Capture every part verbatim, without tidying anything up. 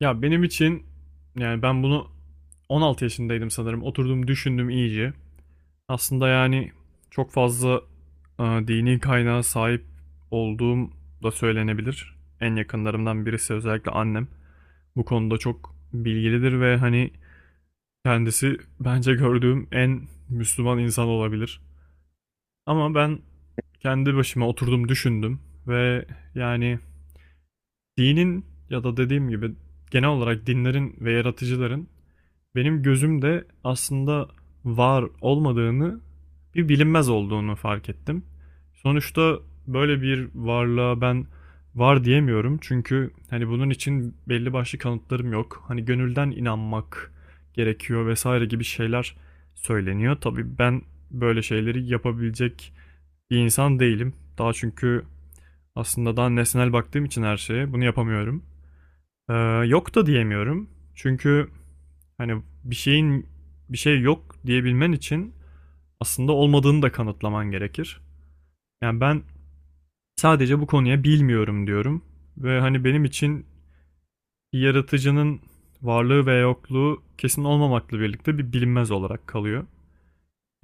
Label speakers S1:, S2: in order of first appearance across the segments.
S1: Ya benim için yani ben bunu on altı yaşındaydım sanırım. Oturdum düşündüm iyice. Aslında yani çok fazla e, dini kaynağa sahip olduğum da söylenebilir. En yakınlarımdan birisi özellikle annem. Bu konuda çok bilgilidir ve hani kendisi bence gördüğüm en Müslüman insan olabilir. Ama ben kendi başıma oturdum düşündüm ve yani dinin ya da dediğim gibi genel olarak dinlerin ve yaratıcıların benim gözümde aslında var olmadığını, bir bilinmez olduğunu fark ettim. Sonuçta böyle bir varlığa ben var diyemiyorum. Çünkü hani bunun için belli başlı kanıtlarım yok. Hani gönülden inanmak gerekiyor vesaire gibi şeyler söyleniyor. Tabii ben böyle şeyleri yapabilecek bir insan değilim. Daha çünkü aslında daha nesnel baktığım için her şeye bunu yapamıyorum. Ee, Yok da diyemiyorum. Çünkü hani bir şeyin bir şey yok diyebilmen için aslında olmadığını da kanıtlaman gerekir. Yani ben sadece bu konuya bilmiyorum diyorum ve hani benim için bir yaratıcının varlığı ve yokluğu kesin olmamakla birlikte bir bilinmez olarak kalıyor.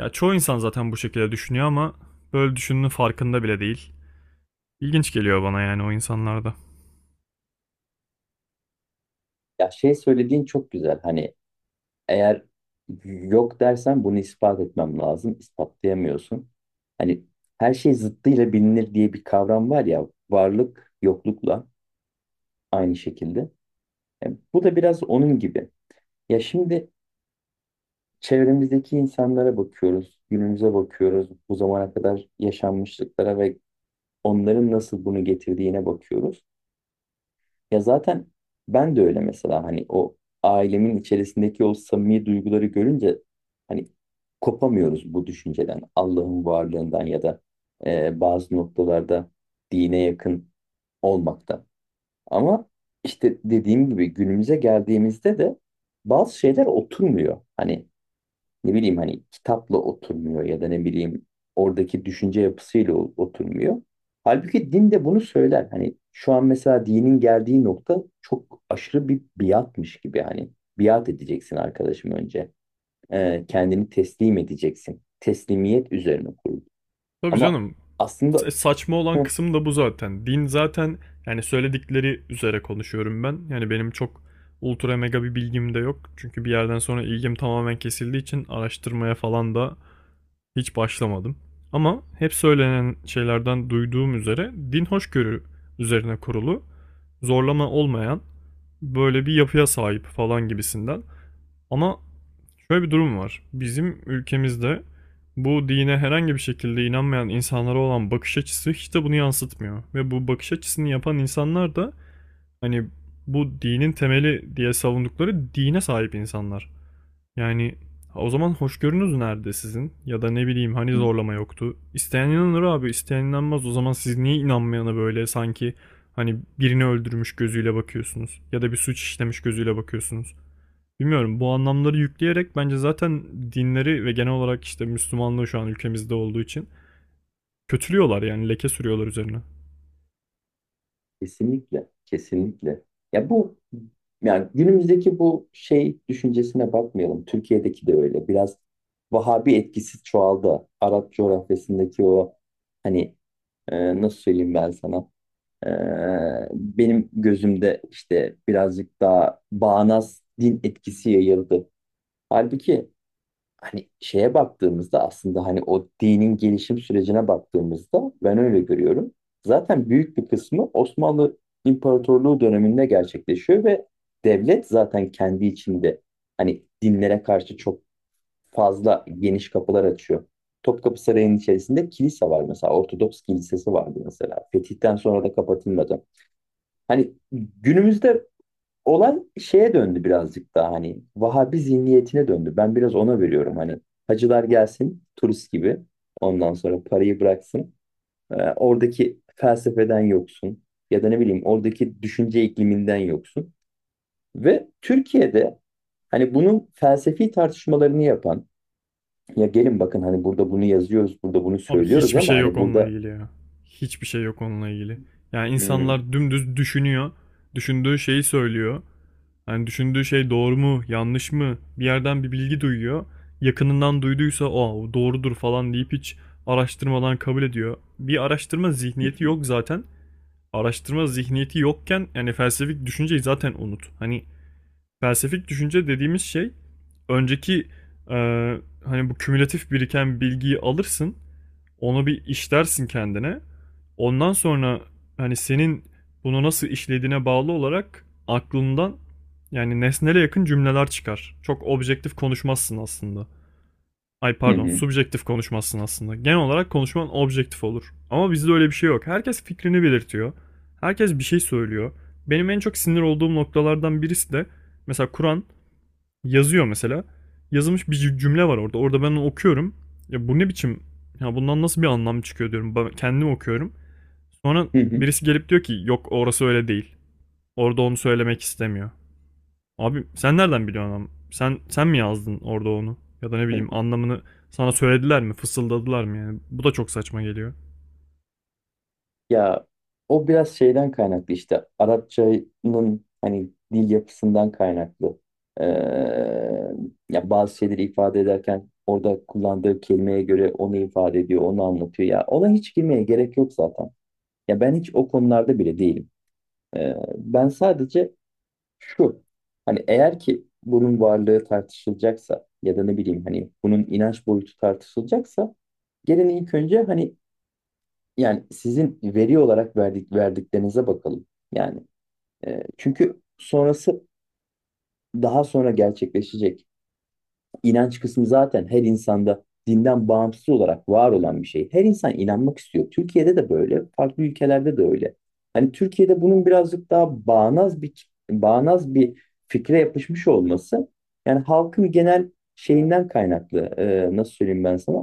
S1: Ya çoğu insan zaten bu şekilde düşünüyor ama böyle düşündüğünün farkında bile değil. İlginç geliyor bana yani o insanlarda.
S2: Ya şey söylediğin çok güzel. Hani eğer yok dersen bunu ispat etmem lazım. İspatlayamıyorsun. Hani her şey zıttıyla bilinir diye bir kavram var ya. Varlık yoklukla aynı şekilde. E, bu da biraz onun gibi. Ya şimdi çevremizdeki insanlara bakıyoruz. Günümüze bakıyoruz. Bu zamana kadar yaşanmışlıklara ve onların nasıl bunu getirdiğine bakıyoruz. Ya zaten ben de öyle mesela hani o ailemin içerisindeki o samimi duyguları görünce hani kopamıyoruz bu düşünceden, Allah'ın varlığından ya da e, bazı noktalarda dine yakın olmaktan. Ama işte dediğim gibi günümüze geldiğimizde de bazı şeyler oturmuyor. Hani ne bileyim hani kitapla oturmuyor ya da ne bileyim oradaki düşünce yapısıyla o- oturmuyor. Halbuki din de bunu söyler. Hani şu an mesela dinin geldiği nokta çok aşırı bir biatmış gibi hani biat edeceksin arkadaşım önce. Ee, kendini teslim edeceksin. Teslimiyet üzerine kurulu.
S1: Tabii
S2: Ama
S1: canım.
S2: aslında.
S1: Sa- Saçma olan
S2: Hı.
S1: kısım da bu zaten. Din zaten yani söyledikleri üzere konuşuyorum ben. Yani benim çok ultra mega bir bilgim de yok. Çünkü bir yerden sonra ilgim tamamen kesildiği için araştırmaya falan da hiç başlamadım. Ama hep söylenen şeylerden duyduğum üzere din hoşgörü üzerine kurulu, zorlama olmayan böyle bir yapıya sahip falan gibisinden. Ama şöyle bir durum var. Bizim ülkemizde bu dine herhangi bir şekilde inanmayan insanlara olan bakış açısı hiç de bunu yansıtmıyor. Ve bu bakış açısını yapan insanlar da hani bu dinin temeli diye savundukları dine sahip insanlar. Yani o zaman hoşgörünüz nerede sizin? Ya da ne bileyim hani
S2: Hı.
S1: zorlama yoktu. İsteyen inanır abi, isteyen inanmaz. O zaman siz niye inanmayana böyle sanki hani birini öldürmüş gözüyle bakıyorsunuz? Ya da bir suç işlemiş gözüyle bakıyorsunuz? Bilmiyorum, bu anlamları yükleyerek bence zaten dinleri ve genel olarak işte Müslümanlığı şu an ülkemizde olduğu için kötülüyorlar, yani leke sürüyorlar üzerine.
S2: Kesinlikle, kesinlikle. Ya bu yani günümüzdeki bu şey düşüncesine bakmayalım. Türkiye'deki de öyle. Biraz Vahabi etkisi çoğaldı. Arap coğrafyasındaki o hani e, nasıl söyleyeyim ben sana? E, benim gözümde işte birazcık daha bağnaz din etkisi yayıldı. Halbuki hani şeye baktığımızda aslında hani o dinin gelişim sürecine baktığımızda ben öyle görüyorum. Zaten büyük bir kısmı Osmanlı İmparatorluğu döneminde gerçekleşiyor ve devlet zaten kendi içinde hani dinlere karşı çok fazla geniş kapılar açıyor. Topkapı Sarayı'nın içerisinde kilise var mesela. Ortodoks kilisesi vardı mesela. Fetih'ten sonra da kapatılmadı. Hani günümüzde olan şeye döndü, birazcık daha hani Vahabi zihniyetine döndü. Ben biraz ona veriyorum, hani hacılar gelsin turist gibi ondan sonra parayı bıraksın. Ee, oradaki felsefeden yoksun ya da ne bileyim oradaki düşünce ikliminden yoksun. Ve Türkiye'de hani bunun felsefi tartışmalarını yapan ya gelin bakın hani burada bunu yazıyoruz, burada bunu
S1: Abi
S2: söylüyoruz,
S1: hiçbir
S2: ama
S1: şey yok
S2: hani
S1: onunla
S2: burada.
S1: ilgili ya. Hiçbir şey yok onunla ilgili. Yani
S2: Hmm.
S1: insanlar dümdüz düşünüyor. Düşündüğü şeyi söylüyor. Yani düşündüğü şey doğru mu, yanlış mı? Bir yerden bir bilgi duyuyor. Yakınından duyduysa o doğrudur falan deyip hiç araştırmadan kabul ediyor. Bir araştırma
S2: Hı
S1: zihniyeti
S2: hı.
S1: yok zaten. Araştırma zihniyeti yokken yani felsefik düşünceyi zaten unut. Hani felsefik düşünce dediğimiz şey önceki e, hani bu kümülatif biriken bilgiyi alırsın, onu bir işlersin kendine. Ondan sonra hani senin bunu nasıl işlediğine bağlı olarak aklından yani nesnele yakın cümleler çıkar. Çok objektif konuşmazsın aslında. Ay
S2: Hı
S1: pardon,
S2: hı.
S1: subjektif konuşmazsın aslında. Genel olarak konuşman objektif olur. Ama bizde öyle bir şey yok. Herkes fikrini belirtiyor. Herkes bir şey söylüyor. Benim en çok sinir olduğum noktalardan birisi de mesela Kur'an yazıyor mesela. Yazılmış bir cümle var orada. Orada ben onu okuyorum. Ya bu ne biçim? Ya bundan nasıl bir anlam çıkıyor diyorum. Ben kendim okuyorum. Sonra
S2: Hı hı.
S1: birisi gelip diyor ki yok orası öyle değil. Orada onu söylemek istemiyor. Abi sen nereden biliyorsun ama? Sen sen mi yazdın orada onu? Ya da ne
S2: Hı.
S1: bileyim anlamını sana söylediler mi? Fısıldadılar mı yani? Bu da çok saçma geliyor.
S2: Ya o biraz şeyden kaynaklı, işte Arapçanın hani dil yapısından kaynaklı. Ee, Ya bazı şeyleri ifade ederken orada kullandığı kelimeye göre onu ifade ediyor, onu anlatıyor. Ya ona hiç girmeye gerek yok zaten. Ya ben hiç o konularda bile değilim. Ee, ben sadece şu hani eğer ki bunun varlığı tartışılacaksa ya da ne bileyim hani bunun inanç boyutu tartışılacaksa gelin ilk önce hani yani sizin veri olarak verdik, verdiklerinize bakalım. Yani e, çünkü sonrası daha sonra gerçekleşecek. İnanç kısmı zaten her insanda dinden bağımsız olarak var olan bir şey. Her insan inanmak istiyor. Türkiye'de de böyle, farklı ülkelerde de öyle. Hani Türkiye'de bunun birazcık daha bağnaz bir bağnaz bir fikre yapışmış olması yani halkın genel şeyinden kaynaklı, e, nasıl söyleyeyim ben sana,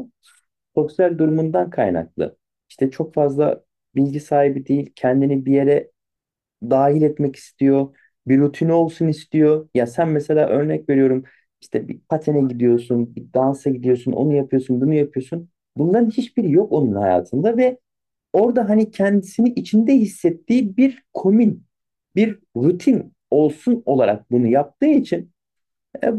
S2: sosyal durumundan kaynaklı. İşte çok fazla bilgi sahibi değil, kendini bir yere dahil etmek istiyor. Bir rutini olsun istiyor. Ya sen mesela örnek veriyorum işte bir patene gidiyorsun, bir dansa gidiyorsun, onu yapıyorsun, bunu yapıyorsun. Bunların hiçbiri yok onun hayatında ve orada hani kendisini içinde hissettiği bir komün, bir rutin olsun olarak bunu yaptığı için e,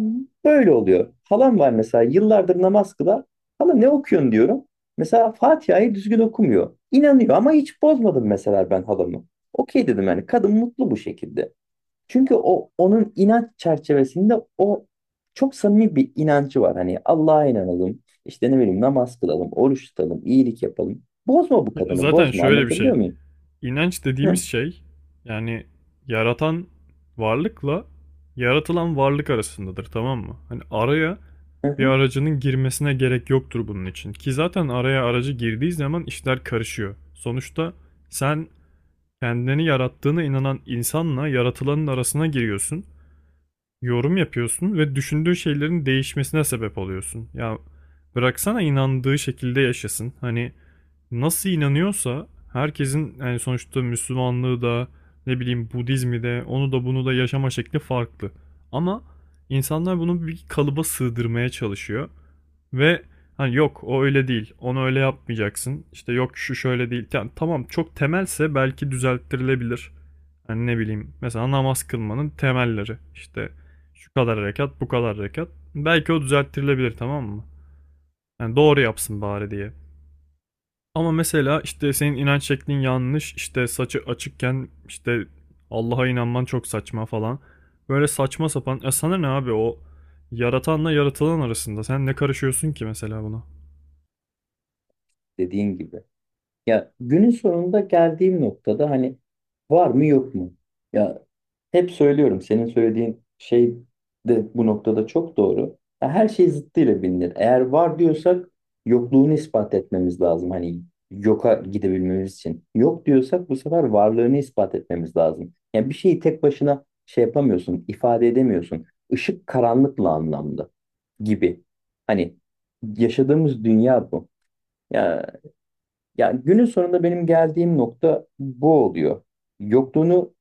S2: böyle oluyor. Halam var mesela, yıllardır namaz kılar. Hala ne okuyorsun diyorum. Mesela Fatiha'yı düzgün okumuyor. İnanıyor, ama hiç bozmadım mesela ben halamı. Okey dedim, yani kadın mutlu bu şekilde. Çünkü o onun inanç çerçevesinde o çok samimi bir inancı var. Hani Allah'a inanalım, işte ne bileyim namaz kılalım, oruç tutalım, iyilik yapalım. Bozma bu
S1: Ya
S2: kadını,
S1: zaten
S2: bozma,
S1: şöyle bir
S2: anlatabiliyor
S1: şey.
S2: muyum?
S1: İnanç dediğimiz
S2: Hı,
S1: şey yani yaratan varlıkla yaratılan varlık arasındadır, tamam mı? Hani araya
S2: hı,
S1: bir
S2: hı.
S1: aracının girmesine gerek yoktur bunun için. Ki zaten araya aracı girdiği zaman işler karışıyor. Sonuçta sen kendini yarattığına inanan insanla yaratılanın arasına giriyorsun, yorum yapıyorsun ve düşündüğü şeylerin değişmesine sebep oluyorsun. Ya bıraksana inandığı şekilde yaşasın. Hani nasıl inanıyorsa herkesin, yani sonuçta Müslümanlığı da ne bileyim Budizmi de, onu da bunu da yaşama şekli farklı. Ama insanlar bunu bir kalıba sığdırmaya çalışıyor. Ve hani yok o öyle değil. Onu öyle yapmayacaksın. İşte yok şu şöyle değil. Yani tamam, çok temelse belki düzelttirilebilir. Hani ne bileyim mesela namaz kılmanın temelleri. İşte şu kadar rekat, bu kadar rekat. Belki o düzelttirilebilir, tamam mı? Yani doğru yapsın bari diye. Ama mesela işte senin inanç şeklin yanlış, işte saçı açıkken işte Allah'a inanman çok saçma falan. Böyle saçma sapan. Ya sana ne abi, o yaratanla yaratılan arasında. Sen ne karışıyorsun ki mesela buna?
S2: Dediğin gibi. Ya günün sonunda geldiğim noktada hani var mı yok mu? Ya, hep söylüyorum, senin söylediğin şey de bu noktada çok doğru. Ya her şey zıttıyla bilinir. Eğer var diyorsak yokluğunu ispat etmemiz lazım. Hani yoka gidebilmemiz için. Yok diyorsak bu sefer varlığını ispat etmemiz lazım. Yani bir şeyi tek başına şey yapamıyorsun, ifade edemiyorsun. Işık karanlıkla anlamda gibi. Hani yaşadığımız dünya bu. Ya, ya günün sonunda benim geldiğim nokta bu oluyor. Yokluğunu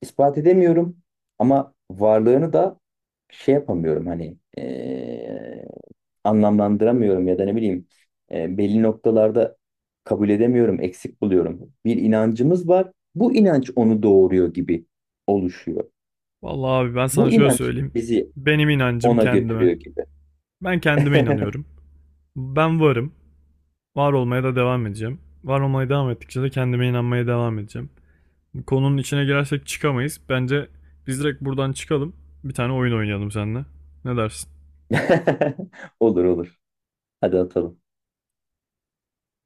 S2: ispat edemiyorum, ama varlığını da şey yapamıyorum, hani eee, anlamlandıramıyorum ya da ne bileyim, eee, belli noktalarda kabul edemiyorum, eksik buluyorum. Bir inancımız var. Bu inanç onu doğuruyor gibi oluşuyor.
S1: Vallahi abi ben sana
S2: Bu
S1: şöyle
S2: inanç
S1: söyleyeyim.
S2: bizi
S1: Benim inancım
S2: ona
S1: kendime.
S2: götürüyor gibi.
S1: Ben kendime inanıyorum. Ben varım. Var olmaya da devam edeceğim. Var olmaya devam ettikçe de kendime inanmaya devam edeceğim. Konunun içine girersek çıkamayız. Bence biz direkt buradan çıkalım. Bir tane oyun oynayalım seninle. Ne dersin?
S2: Olur olur. Hadi atalım.